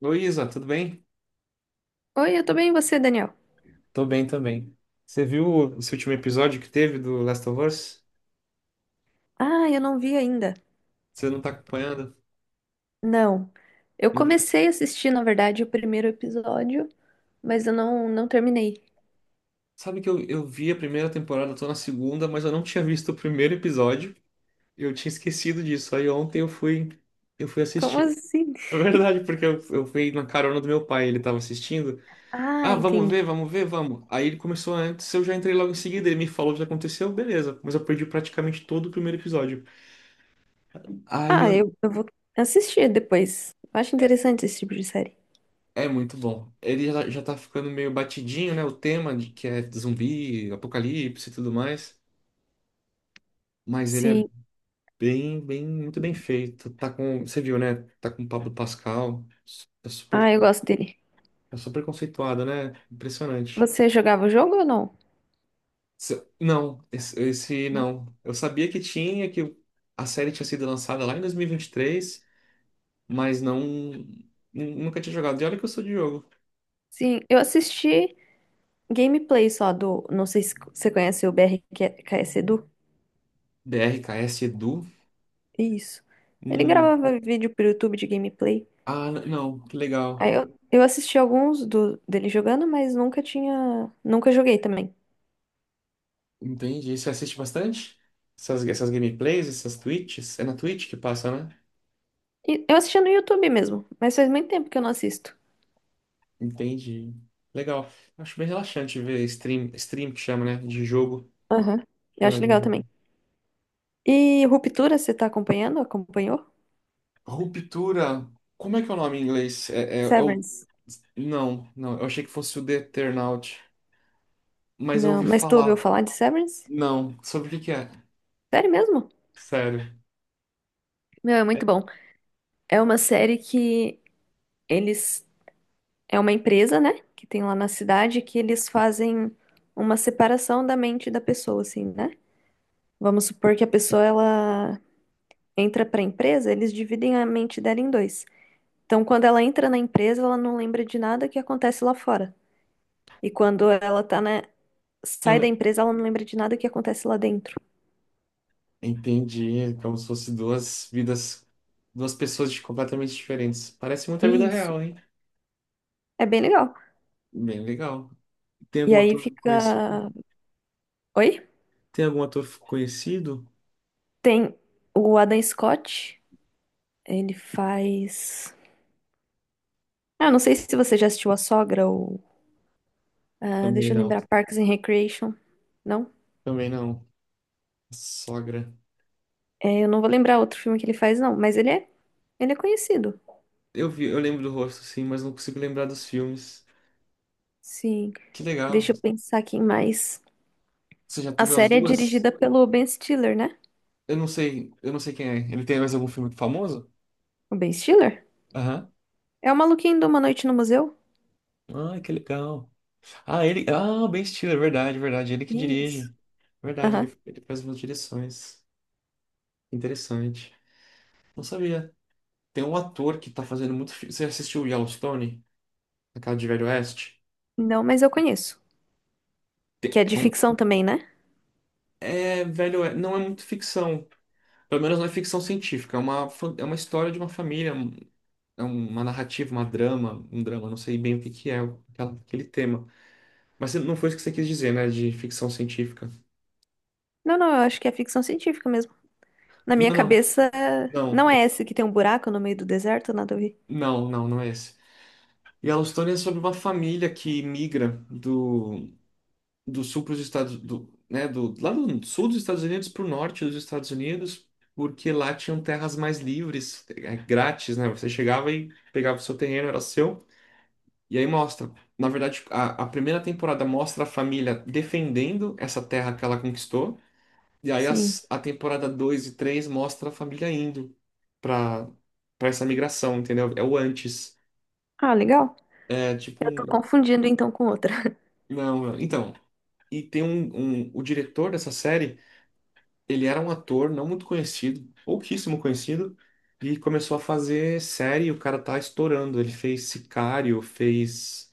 Luísa, tudo bem? Oi, eu tô bem, e você, Daniel? Tô bem também. Você viu esse último episódio que teve do Last of Us? Ah, eu não vi ainda. Você não tá acompanhando? Não. Eu Não vi- comecei a assistir, na verdade, o primeiro episódio, mas eu não terminei. Sabe que eu vi a primeira temporada, tô na segunda, mas eu não tinha visto o primeiro episódio. Eu tinha esquecido disso. Aí ontem eu fui Como assistir. assim? É verdade, porque eu fui na carona do meu pai, ele tava assistindo. Ah, Ah, vamos entendi. ver, vamos ver, vamos. Aí ele começou antes, eu já entrei logo em seguida, ele me falou o que aconteceu, beleza. Mas eu perdi praticamente todo o primeiro episódio. Aí Ah, eu... eu vou assistir depois. Eu acho interessante esse tipo de série. É muito bom. Ele já tá ficando meio batidinho, né? O tema de que é zumbi, apocalipse e tudo mais. Mas ele é Sim. Muito bem feito. Tá com, você viu, né? Tá com o Pablo Pascal. Tá super, Ah, eu gosto dele. tá super conceituado, né? Impressionante. Você jogava o jogo ou não? Não, esse Não. não. Eu sabia que a série tinha sido lançada lá em 2023, mas não, nunca tinha jogado. E olha que eu sou de jogo. Sim, eu assisti gameplay só do. Não sei se você conhece o BRKS Edu. B R K BRKS Edu. Isso. Ele Hum, gravava vídeo pro YouTube de gameplay. ah, não, que legal. Aí eu assisti alguns do, dele jogando, mas nunca tinha. Nunca joguei também. Entendi. Você assiste bastante? Essas gameplays, essas Twitches? É na Twitch que passa, né? E eu assistia no YouTube mesmo, mas faz muito tempo que eu não assisto. Entendi. Legal. Acho bem relaxante ver stream, stream que chama, né? De jogo. Aham. Eu Jogando acho algum legal jogo. também. E Ruptura, você tá acompanhando? Acompanhou? Ruptura. Como é que é o nome em inglês? É o... Severance. Não, não. Eu achei que fosse o The Eternaut. Mas eu Não, ouvi mas tu ouviu falar. falar de Severance? Não. Sobre o que que é? Sério mesmo? Sério. Meu, é muito bom. É uma série que eles. É uma empresa, né? Que tem lá na cidade que eles fazem uma separação da mente da pessoa, assim, né? Vamos supor que a pessoa, ela entra para a empresa, eles dividem a mente dela em dois. Então, quando ela entra na empresa, ela não lembra de nada que acontece lá fora. E quando ela tá na sai da empresa, ela não lembra de nada que acontece lá dentro. Entendi. Como se fosse duas vidas. Duas pessoas de completamente diferentes. Parece muito a vida Isso. real, hein? É bem legal. Bem legal. Tem E algum aí ator conhecido? fica. Oi? Tem algum ator conhecido? Tem o Adam Scott, ele faz. Ah, eu não sei se você já assistiu A Sogra ou Também deixa eu não. lembrar, Parks and Recreation. Não? Também não. Sogra. É, eu não vou lembrar outro filme que ele faz, não, mas ele é. Ele é conhecido. Eu vi, eu lembro do rosto, sim, mas não consigo lembrar dos filmes. Sim. Que legal. Deixa eu pensar aqui em mais. Você já A teve as série é duas? dirigida pelo Ben Stiller, né? Eu não sei quem é. Ele tem mais algum filme famoso? O Ben Stiller? Aham. É o maluquinho de Uma Noite no Museu? Ah, que legal. Ah, ele. Ah, o Ben Stiller, verdade, verdade. Ele que Isso. dirige. Verdade, Aham. ele faz umas direções. Interessante. Não sabia. Tem um ator que tá fazendo muito filme. Você assistiu Yellowstone? Aquela de Velho Oeste? Não, mas eu conheço. Que é de É um... ficção também, né? É, velho, não é muito ficção. Pelo menos não é ficção científica. É é uma história de uma família, é uma narrativa, um drama, não sei bem o que que é aquele tema. Mas não foi isso que você quis dizer, né? De ficção científica. Não, eu acho que é ficção científica mesmo. Na minha Não, não, cabeça, não. não é esse que tem um buraco no meio do deserto, nada a ver. Não, não, não é esse. Yellowstone é sobre uma família que migra do sul para os Estados do, né, do lá do sul dos Estados Unidos para o norte dos Estados Unidos, porque lá tinham terras mais livres, é, grátis, né? Você chegava e pegava o seu terreno, era seu. E aí mostra, na verdade, a primeira temporada mostra a família defendendo essa terra que ela conquistou, e aí Sim. a temporada 2 e 3 mostra a família indo para para essa migração, entendeu? É o antes. Ah, legal. É tipo Eu tô um... confundindo então com outra. Não. Então. E tem um. O diretor dessa série ele era um ator não muito conhecido, pouquíssimo conhecido, e começou a fazer série, e o cara tá estourando. Ele fez Sicário, fez.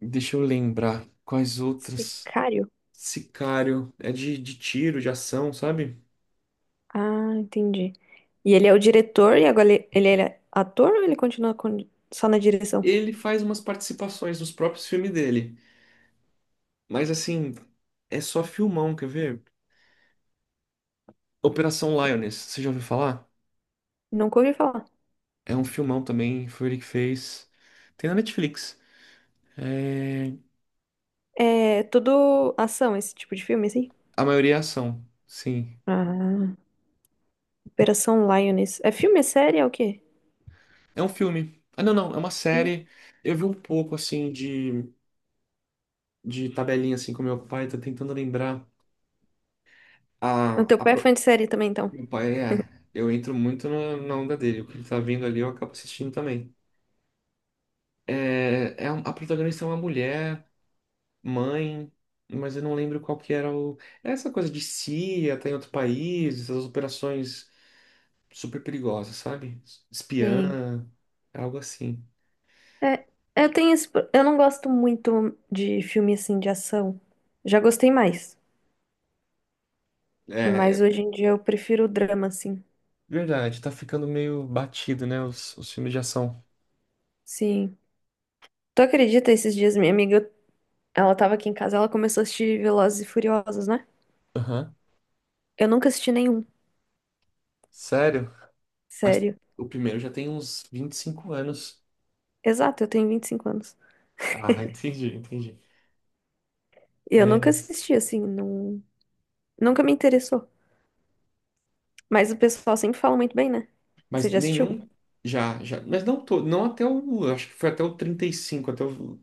Deixa eu lembrar quais outras. Sicário? Sicário, é de tiro, de ação, sabe? Ah, entendi. E ele é o diretor e agora ele é ator ou ele continua com- só na direção? Ele faz umas participações nos próprios filmes dele, mas assim, é só filmão, quer ver? Operação Lioness, você já ouviu falar? Nunca ouvi falar. É um filmão também, foi ele que fez. Tem na Netflix. É. É tudo ação, esse tipo de filme, assim? A maioria é ação, sim. Ah, Operação Lioness. É filme? É série? É o quê? É um filme. Ah, não, não, é uma Filme. série. Eu vi um pouco, assim, de tabelinha, assim, com meu pai, tô tentando lembrar. O A, teu a, pai é pro- fã de série também, então? Meu pai, ele é. Eu entro muito na onda dele. O que ele tá vendo ali, eu acabo assistindo também. A protagonista é uma mulher, mãe, mas eu não lembro qual que era o. É essa coisa de CIA, tá em outro país, essas operações super perigosas, sabe? Sim. Espiã, algo assim. É, eu tenho esse, pro- eu não gosto muito de filme, assim, de ação. Já gostei mais. É, Mas é hoje em dia eu prefiro o drama, assim. verdade, tá ficando meio batido, né, os filmes de ação. Sim. Tu acredita, esses dias minha amiga, ela tava aqui em casa, ela começou a assistir Velozes e Furiosos, né? Aham. Eu nunca assisti nenhum, Sério? Mas sério. o primeiro já tem uns 25 anos. Exato, eu tenho 25 anos. Ah, entendi, entendi. E eu É, nunca assisti, assim, não... nunca me interessou. Mas o pessoal sempre fala muito bem, né? Você mas já assistiu? nenhum. Já, já, mas não todo, não até o, acho que foi até o 35, até o,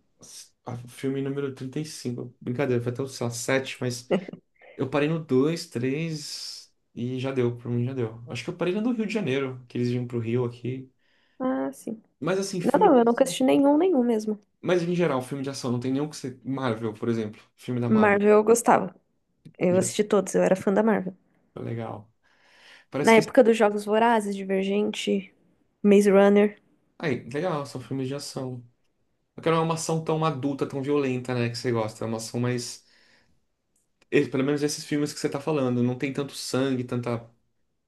o filme número 35. Brincadeira, foi até o, sei lá, 7, mas eu parei no 2 3 e já deu, pra mim já deu. Acho que eu parei no do Rio de Janeiro, que eles vinham pro Rio aqui. Ah, sim. Mas assim, Não, filme não, de eu nunca ação. assisti nenhum, nenhum mesmo. Mas em geral, filme de ação, não tem nenhum que você. Marvel, por exemplo. Filme da Marvel. Marvel eu gostava. Eu Já, assisti todos, eu era fã da Marvel. legal. Na Parece que... época dos Jogos Vorazes, Divergente, Maze Runner. Aí, legal, são filmes de ação. Porque não é uma ação tão adulta, tão violenta, né, que você gosta. É uma ação mais. Pelo menos esses filmes que você tá falando, não tem tanto sangue, tanta.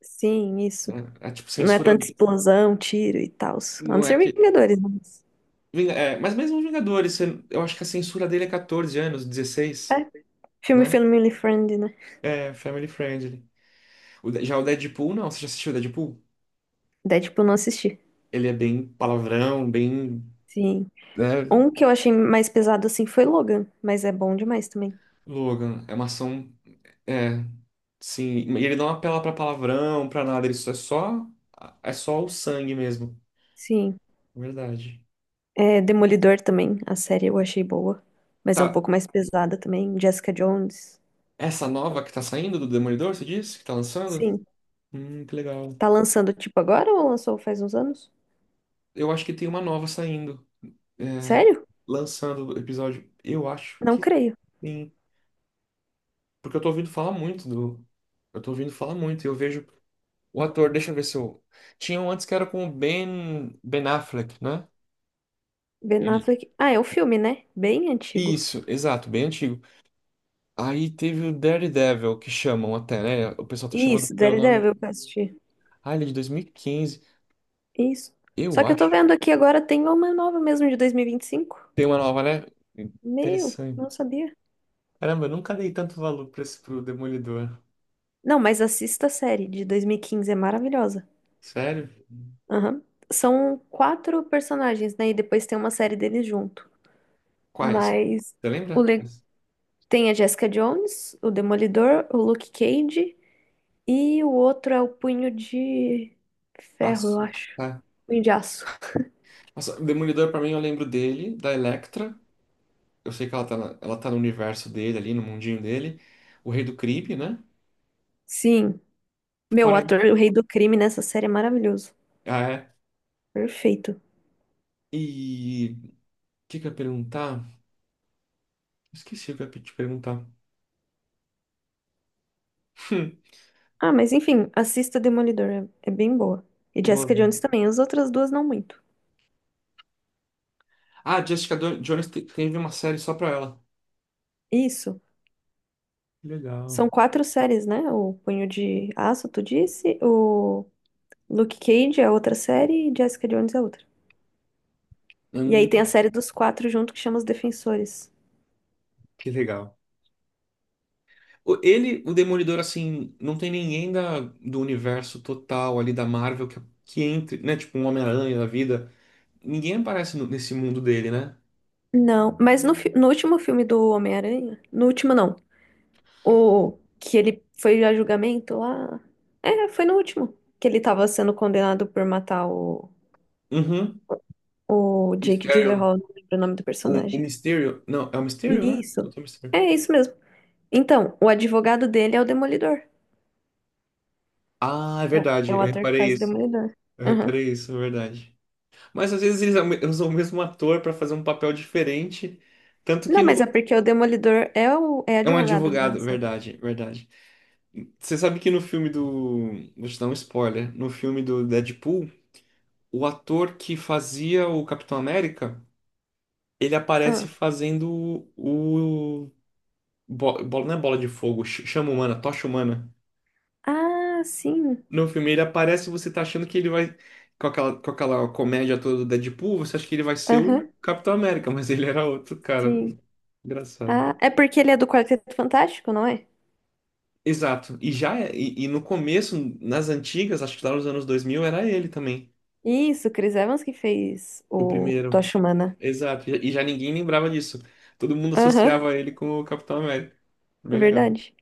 Sim, Né? isso. É, tipo, Não é censura. tanta explosão, tiro e tal. A não Não é ser que. Vingadores, né? É, mas mesmo os Vingadores, eu acho que a censura dele é 14 anos, É, 16, filme né? family friendly, né? É, family friendly. Já o Deadpool, não. Você já assistiu o Deadpool? Deadpool eu não assisti. Ele é bem palavrão, bem. Sim. Né? Um que eu achei mais pesado assim foi Logan, mas é bom demais também. Logan. É uma ação. É. Sim, e ele não apela pra palavrão, pra nada, ele só é só é só o sangue mesmo. Sim. Verdade. É, Demolidor também, a série eu achei boa, mas é um Tá, pouco mais pesada também. Jessica Jones. essa nova que tá saindo do Demolidor, você disse? Que tá lançando? Sim. Que legal. Tá lançando tipo agora ou lançou faz uns anos? Eu acho que tem uma nova saindo. É, Sério? lançando o episódio. Eu acho Não que creio. tem. Porque eu tô ouvindo falar muito do. Eu tô ouvindo falar muito. E eu vejo o ator, deixa eu ver se eu. Tinha um antes que era com o Ben Affleck, né? Ben Ele. Affleck. Ah, é o filme, né? Bem antigo. Isso, exato, bem antigo. Aí teve o Daredevil, que chamam até, né? O pessoal tá chamando Isso, pelo nome. Daredevil que eu assisti. Ah, ele é de 2015, Isso. eu Só que eu tô acho. vendo aqui agora tem uma nova mesmo de 2025. Tem uma nova, né? Meu, Interessante. não sabia. Caramba, eu nunca dei tanto valor pra esse pro Demolidor. Não, mas assista a série de 2015, é maravilhosa. Sério? Aham. São quatro personagens, né? E depois tem uma série deles junto. Quais? Mas Você o lembra? le- tem a Jessica Jones, o Demolidor, o Luke Cage e o outro é o Punho de Ferro, eu Aço. acho. Tá. Punho de Aço. Nossa, o Demolidor, pra mim, eu lembro dele, da Elektra. Eu sei que ela tá, ela tá no universo dele, ali, no mundinho dele. O Rei do Crime, né? Sim. Meu, o Fora aí. ator, o rei do crime nessa série é maravilhoso. Ah, é. Perfeito. E... O que que eu ia perguntar? Esqueci o que eu ia te perguntar. Ah, mas enfim, assista Demolidor, é, é bem boa. E Vou Jessica ver. Jones também, as outras duas não muito. Ah, Jessica Jones teve uma série só pra ela. Isso. Que legal. São quatro séries, né? O Punho de Aço, tu disse? O Luke Cage é outra série e Jessica Jones é outra. E aí tem a Hum. série dos quatro junto que chama Os Defensores. Que legal. Ele, o Demolidor, assim, não tem ninguém do universo total ali da Marvel que entre, né? Tipo um Homem-Aranha da vida. Ninguém aparece nesse mundo dele, né? Não, mas no, fi- no último filme do Homem-Aranha, no último não, o que ele foi a julgamento lá, é, foi no último, que ele tava sendo condenado por matar Uhum. o Jake Mysterio. Gyllenhaal, não lembro o nome do O personagem. Mysterio. Não, é o Mysterio, né? Isso, Doutor Mysterio. é isso mesmo. Então, o advogado dele é o Demolidor. Ah, é É, o verdade. é o Eu ator que reparei faz o isso. Demolidor. Eu Aham. reparei isso, é verdade. Mas às vezes eles usam o mesmo ator pra fazer um papel diferente. Tanto que Não, mas no... é porque o Demolidor é o é É um advogado da advogado, série. verdade, verdade. Você sabe que no filme do... Vou te dar um spoiler. No filme do Deadpool, o ator que fazia o Capitão América, ele aparece Ah. fazendo o... Bola, não é bola de fogo, chama humana, tocha humana. Ah, sim. No filme ele aparece e você tá achando que ele vai. Com aquela comédia toda do Deadpool, você acha que ele vai ser o Aham, Capitão América, mas ele era outro cara. sim. Engraçado. Ah, é porque ele é do Quarteto Fantástico, não é? Exato. E e no começo, nas antigas, acho que lá nos anos 2000, era ele também. Isso, Chris Evans que fez O o primeiro. Tocha Humana. Exato. E já ninguém lembrava disso. Todo mundo Aham, associava ele com o Capitão América. é Bem legal. verdade.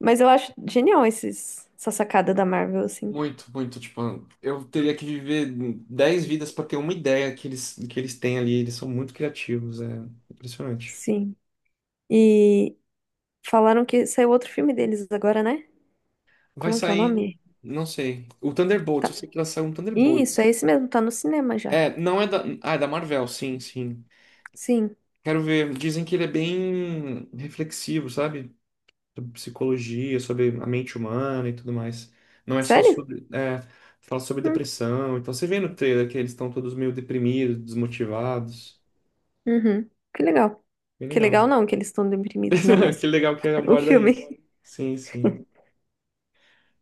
Mas eu acho genial esses, essa sacada da Marvel, assim. Muito, muito. Tipo, eu teria que viver 10 vidas para ter uma ideia que eles têm ali. Eles são muito criativos, é impressionante. Sim. E falaram que saiu outro filme deles agora, né? Vai Como que é o sair, nome? não sei. O Thunderbolts, Tá. eu sei que vai sair um Isso, é Thunderbolts. esse mesmo, tá no cinema já. É, não é da. Ah, é da Marvel, sim, sim. Sim. Quero ver. Dizem que ele é bem reflexivo, sabe, sobre psicologia, sobre a mente humana e tudo mais. Não é só Sério? sobre... É, fala sobre Hum, depressão. Então você vê no trailer que eles estão todos meio deprimidos, desmotivados. Uhum. Que legal. Bem Que legal. legal não que eles estão deprimidos, né? Que Mas legal que o aborda isso. filme. Sim, sim.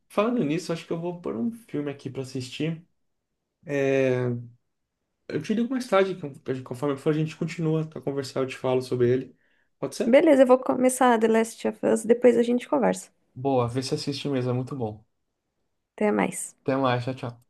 Falando nisso, acho que eu vou pôr um filme aqui pra assistir. É, eu te ligo mais tarde, conforme for, a gente continua a conversar, eu te falo sobre ele. Pode ser? Beleza, eu vou começar The Last of Us, depois a gente conversa. Boa, vê se assiste mesmo, é muito bom. Até mais. Até mais, tchau, tchau.